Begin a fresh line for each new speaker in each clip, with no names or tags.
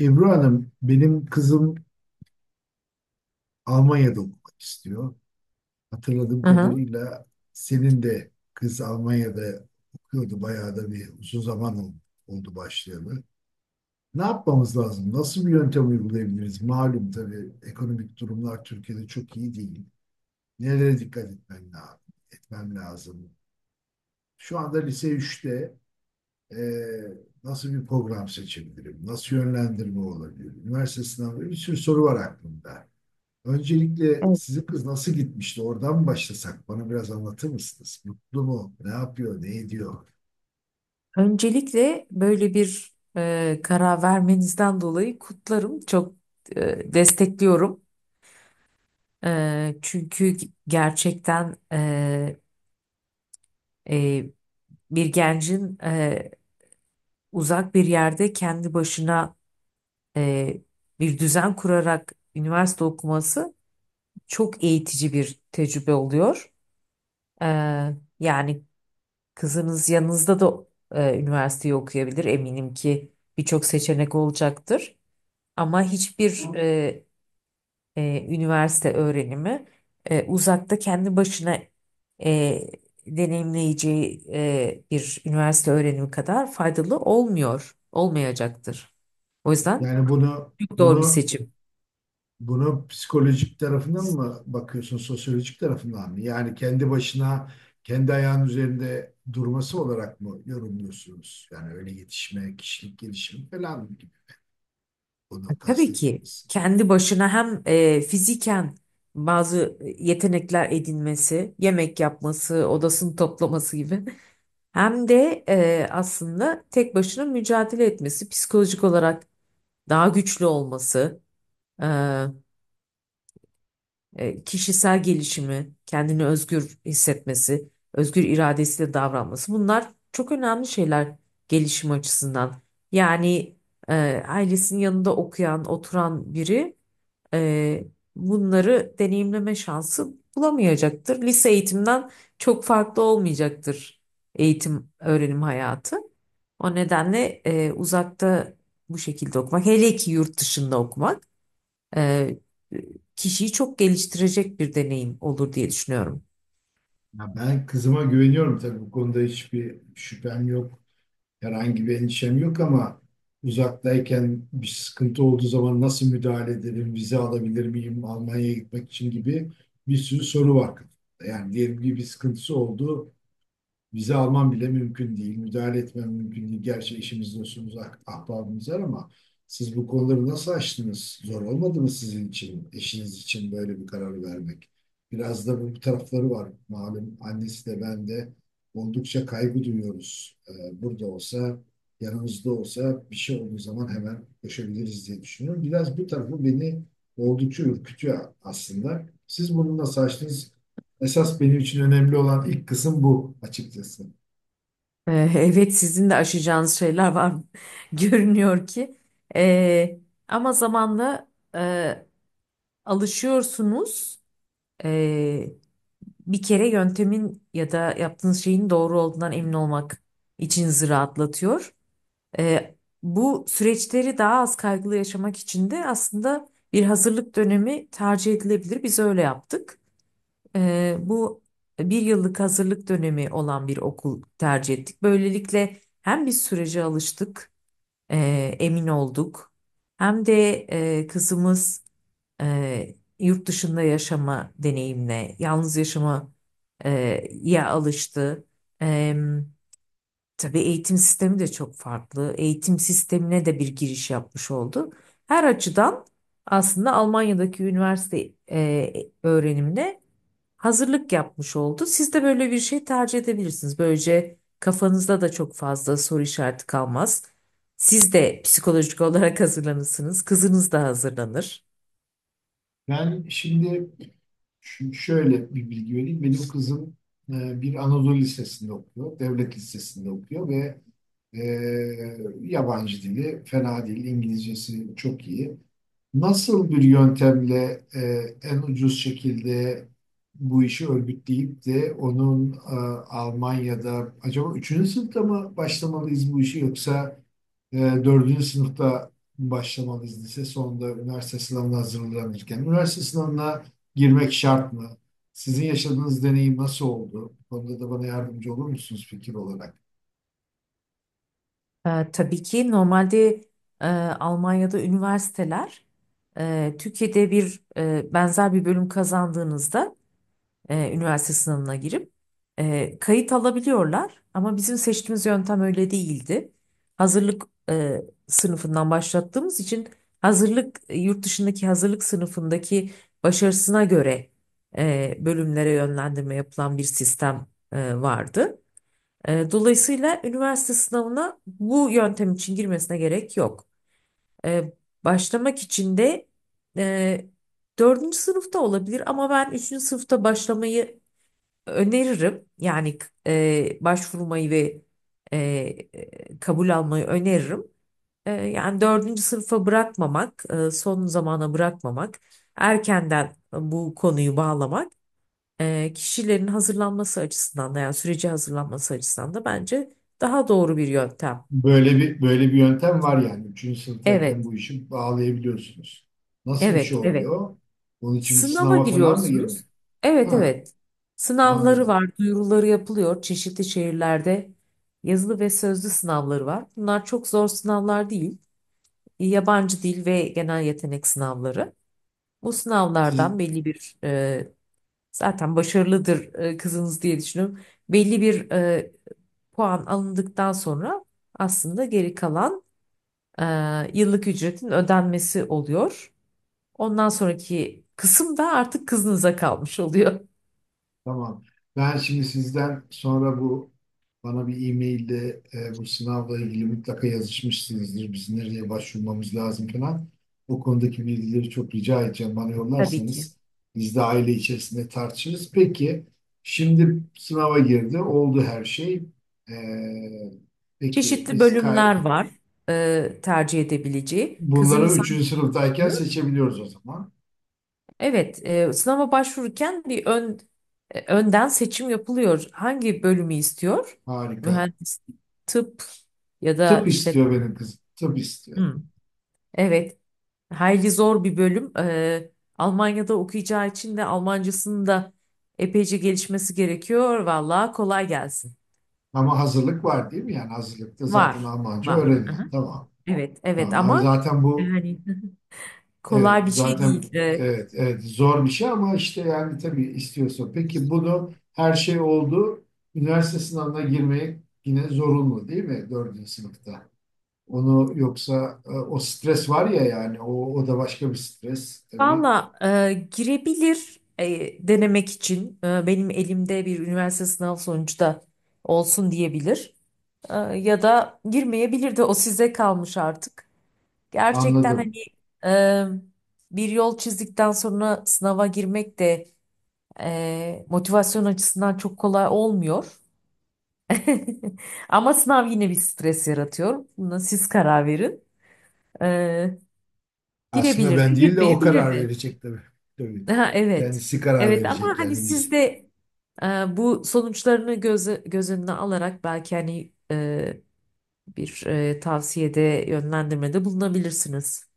Ebru Hanım, benim kızım Almanya'da okumak istiyor. Hatırladığım
Hı hı.
kadarıyla senin de kız Almanya'da okuyordu. Bayağı da bir uzun zaman oldu başlayalı. Ne yapmamız lazım? Nasıl bir yöntem uygulayabiliriz? Malum tabii ekonomik durumlar Türkiye'de çok iyi değil. Nelere dikkat etmem lazım? Etmem lazım. Şu anda lise üçte eee, nasıl bir program seçebilirim? Nasıl yönlendirme olabilir? Üniversite sınavı, bir sürü soru var aklımda. Öncelikle
Evet.
sizin kız nasıl gitmişti? Oradan mı başlasak? Bana biraz anlatır mısınız? Mutlu mu? Ne yapıyor? Ne ediyor?
Öncelikle böyle bir karar vermenizden dolayı kutlarım. Çok destekliyorum. Çünkü gerçekten e, bir gencin uzak bir yerde kendi başına e, bir düzen kurarak üniversite okuması çok eğitici bir tecrübe oluyor. E, yani kızınız yanınızda da üniversiteyi okuyabilir. Eminim ki birçok seçenek olacaktır. Ama hiçbir üniversite öğrenimi uzakta kendi başına e, deneyimleyeceği bir üniversite öğrenimi kadar faydalı olmuyor, olmayacaktır. O yüzden
Yani bunu
çok doğru bir
bunu
seçim.
bunu psikolojik tarafından mı bakıyorsun, sosyolojik tarafından mı? Yani kendi başına, kendi ayağının üzerinde durması olarak mı yorumluyorsunuz? Yani öyle yetişme, kişilik gelişimi falan gibi onu
Tabii ki
kastettiniz.
kendi başına hem fiziken bazı yetenekler edinmesi, yemek yapması, odasını toplaması gibi hem de aslında tek başına mücadele etmesi, psikolojik olarak daha güçlü olması, e, kişisel gelişimi, kendini özgür hissetmesi, özgür iradesiyle davranması bunlar çok önemli şeyler gelişim açısından. Yani e, ailesinin yanında okuyan, oturan biri e, bunları deneyimleme şansı bulamayacaktır. Lise eğitimden çok farklı olmayacaktır eğitim, öğrenim hayatı. O nedenle uzakta bu şekilde okumak, hele ki yurt dışında okumak. e, kişiyi çok geliştirecek bir deneyim olur diye düşünüyorum.
Ya, ben kızıma güveniyorum tabii, bu konuda hiçbir şüphem yok. Herhangi bir endişem yok ama uzaktayken bir sıkıntı olduğu zaman nasıl müdahale ederim, vize alabilir miyim Almanya'ya gitmek için gibi bir sürü soru var kafamda. Yani diyelim ki bir sıkıntısı oldu. Vize alman bile mümkün değil. Müdahale etmem mümkün değil. Gerçi eşimiz, dostumuz, ahbabımız var ama siz bu konuları nasıl aştınız? Zor olmadı mı sizin için, eşiniz için böyle bir karar vermek? Biraz da bu tarafları var. Malum annesi de ben de oldukça kaygı duyuyoruz. Burada olsa, yanımızda olsa bir şey olduğu zaman hemen koşabiliriz diye düşünüyorum. Biraz bu tarafı beni oldukça ürkütüyor aslında. Siz bunu nasıl aştınız? Esas benim için önemli olan ilk kısım bu, açıkçası.
Evet, sizin de aşacağınız şeyler var görünüyor ki. E, ama zamanla e, alışıyorsunuz. E, bir kere yöntemin ya da yaptığınız şeyin doğru olduğundan emin olmak içinizi rahatlatıyor. Ee, bu süreçleri daha az kaygılı yaşamak için de aslında bir hazırlık dönemi tercih edilebilir. Biz öyle yaptık. Bu bir yıllık hazırlık dönemi olan bir okul tercih ettik. Böylelikle hem biz sürece alıştık, e, emin olduk. Hem de kızımız yurt dışında yaşama deneyimine, yalnız yaşama ya alıştı. Tabii eğitim sistemi de çok farklı. Eğitim sistemine de bir giriş yapmış oldu. Her açıdan aslında Almanya'daki üniversite öğrenimine hazırlık yapmış oldu. Siz de böyle bir şey tercih edebilirsiniz. Böylece kafanızda da çok fazla soru işareti kalmaz. Siz de psikolojik olarak hazırlanırsınız. Kızınız da hazırlanır.
Yani şimdi şöyle bir bilgi vereyim. Benim kızım bir Anadolu Lisesi'nde okuyor, devlet lisesinde okuyor ve e, yabancı dili fena değil, İngilizcesi çok iyi. Nasıl bir yöntemle en ucuz şekilde bu işi örgütleyip de onun Almanya'da, acaba üçüncü sınıfta mı başlamalıyız bu işi, yoksa dördüncü sınıfta mı başlamalıyız lise sonunda üniversite sınavına hazırlanırken? Üniversite sınavına girmek şart mı? Sizin yaşadığınız deneyim nasıl oldu? Bu konuda da bana yardımcı olur musunuz fikir olarak?
Tabii ki normalde e, Almanya'da üniversiteler Türkiye'de bir benzer bir bölüm kazandığınızda üniversite sınavına girip kayıt alabiliyorlar. Ama bizim seçtiğimiz yöntem öyle değildi. Hazırlık e, sınıfından başlattığımız için hazırlık yurt dışındaki hazırlık sınıfındaki başarısına göre bölümlere yönlendirme yapılan bir sistem vardı. Dolayısıyla üniversite sınavına bu yöntem için girmesine gerek yok. E, başlamak için de e, dördüncü sınıfta olabilir ama ben üçüncü sınıfta başlamayı öneririm. Yani başvurmayı ve e, kabul almayı öneririm. Yani dördüncü sınıfa bırakmamak, son zamana bırakmamak, erkenden bu konuyu bağlamak kişilerin hazırlanması açısından da yani süreci hazırlanması açısından da bence daha doğru bir yöntem.
Böyle bir yöntem var yani. Üçüncü sınıftayken
Evet,
bu işi bağlayabiliyorsunuz. Nasıl bir
evet,
şey
evet.
oluyor? Bunun için bir
Sınava
sınava falan mı girmek?
giriyorsunuz. Evet,
Ha,
evet. Sınavları
anladım.
var, duyuruları yapılıyor. Çeşitli şehirlerde yazılı ve sözlü sınavları var. Bunlar çok zor sınavlar değil. Yabancı dil ve genel yetenek sınavları. Bu
Siz,
sınavlardan belli bir zaten başarılıdır kızınız diye düşünüyorum. Belli bir puan alındıktan sonra aslında geri kalan e, yıllık ücretin ödenmesi oluyor. Ondan sonraki kısım da artık kızınıza kalmış oluyor.
Tamam. Ben şimdi sizden sonra bu, bana bir e-mailde bu sınavla ilgili mutlaka yazışmışsınızdır. Biz nereye başvurmamız lazım falan. O konudaki bilgileri çok rica edeceğim. Bana
Tabii ki.
yollarsanız biz de aile içerisinde tartışırız. Peki şimdi sınava girdi. Oldu her şey. E, peki
Çeşitli
biz kay
bölümler var tercih edebileceği.
bunları
Kızınız hangi
3. sınıftayken
diyor?
seçebiliyoruz o zaman.
Evet, sınava başvururken bir ön önden seçim yapılıyor. Hangi bölümü istiyor?
Harika.
Mühendislik, tıp ya da
Tıp istiyor
işletme.
benim kızım. Tıp istiyor.
Hmm, evet, hayli zor bir bölüm. Almanya'da okuyacağı için de Almancasının da epeyce gelişmesi gerekiyor. Vallahi kolay gelsin.
Ama hazırlık var değil mi? Yani hazırlıkta zaten
Var,
Almanca
var.
öğreniyor.
Aha.
Tamam.
Evet, evet
Tamam. Abi
ama
zaten bu
yani
evet,
kolay bir şey
zaten
değil.
evet, evet zor bir şey ama işte yani tabii istiyorsun. Peki bunu her şey oldu. Üniversite sınavına girmek yine zorunlu değil mi, dördüncü sınıfta? Onu yoksa o stres var ya, yani o da başka bir stres tabii.
Valla, girebilir, denemek için benim elimde bir üniversite sınav sonucu da olsun diyebilir. Ya da girmeyebilir, de o size kalmış artık. Gerçekten hani
Anladım.
e, bir yol çizdikten sonra sınava girmek de motivasyon açısından çok kolay olmuyor. Ama sınav yine bir stres yaratıyor. Buna siz karar verin. E,
Aslında
girebilir de
ben değil de o karar
girmeyebilir.
verecek tabii. Tabii.
Ha, evet.
Kendisi karar
Evet ama
verecek
hani
yani
siz
biz.
de e, bu sonuçlarını göz önüne alarak belki hani bir tavsiyede yönlendirmede bulunabilirsiniz.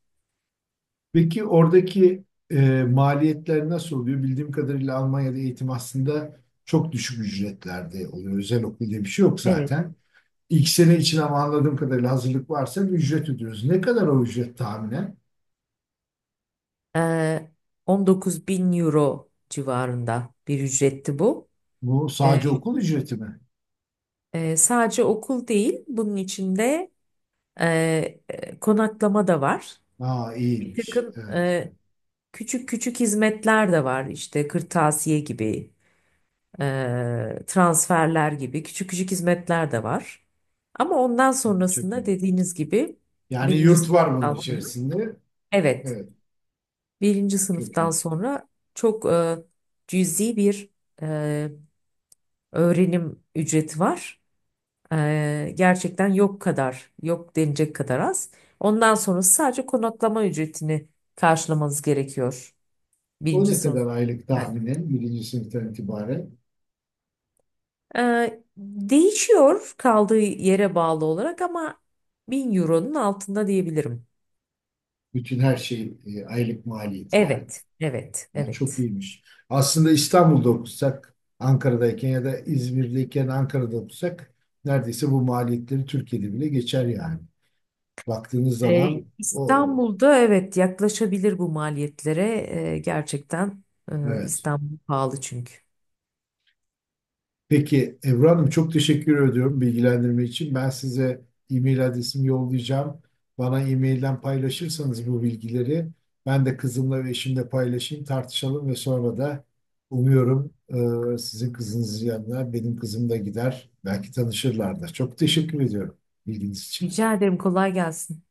Peki oradaki maliyetler nasıl oluyor? Bildiğim kadarıyla Almanya'da eğitim aslında çok düşük ücretlerde oluyor. Özel okul diye bir şey yok
Evet.
zaten. İlk sene için ama anladığım kadarıyla hazırlık varsa bir ücret ödüyoruz. Ne kadar o ücret tahminen?
E, 19 bin euro civarında bir ücretti bu.
Bu
E,
sadece okul ücreti mi?
sadece okul değil, bunun içinde e, konaklama da var.
Aa,
Bir
iyiymiş.
takım
Evet.
küçük küçük hizmetler de var işte kırtasiye gibi, transferler gibi küçük küçük hizmetler de var. Ama ondan
Hı, çok
sonrasında,
iyi.
dediğiniz gibi,
Yani
birinci
yurt
sınıf
var bunun
sonra,
içerisinde.
evet,
Evet.
birinci
Çok
sınıftan
iyi.
sonra çok cüzi bir e, öğrenim ücreti var. Gerçekten yok kadar, yok denecek kadar az. Ondan sonra sadece konaklama ücretini karşılamanız gerekiyor
O
birinci
ne
sınıf.
kadar aylık tahminen? Birinci sınıftan itibaren.
Değişiyor kaldığı yere bağlı olarak ama 1000 euronun altında diyebilirim.
Bütün her şey aylık maliyeti yani.
Evet, evet,
Ha, çok
evet.
iyiymiş. Aslında İstanbul'da okusak, Ankara'dayken ya da İzmir'deyken Ankara'da okusak neredeyse bu maliyetleri Türkiye'de bile geçer yani. Baktığınız
Ee,
zaman o,
İstanbul'da evet yaklaşabilir bu maliyetlere. Gerçekten e,
evet.
İstanbul pahalı çünkü.
Peki Ebru Hanım, çok teşekkür ediyorum bilgilendirme için. Ben size e-mail adresimi yollayacağım. Bana e-mailden paylaşırsanız bu bilgileri ben de kızımla ve eşimle paylaşayım, tartışalım ve sonra da umuyorum sizin kızınızın yanına benim kızım da gider. Belki tanışırlar da. Çok teşekkür ediyorum bilginiz için.
Rica ederim, kolay gelsin.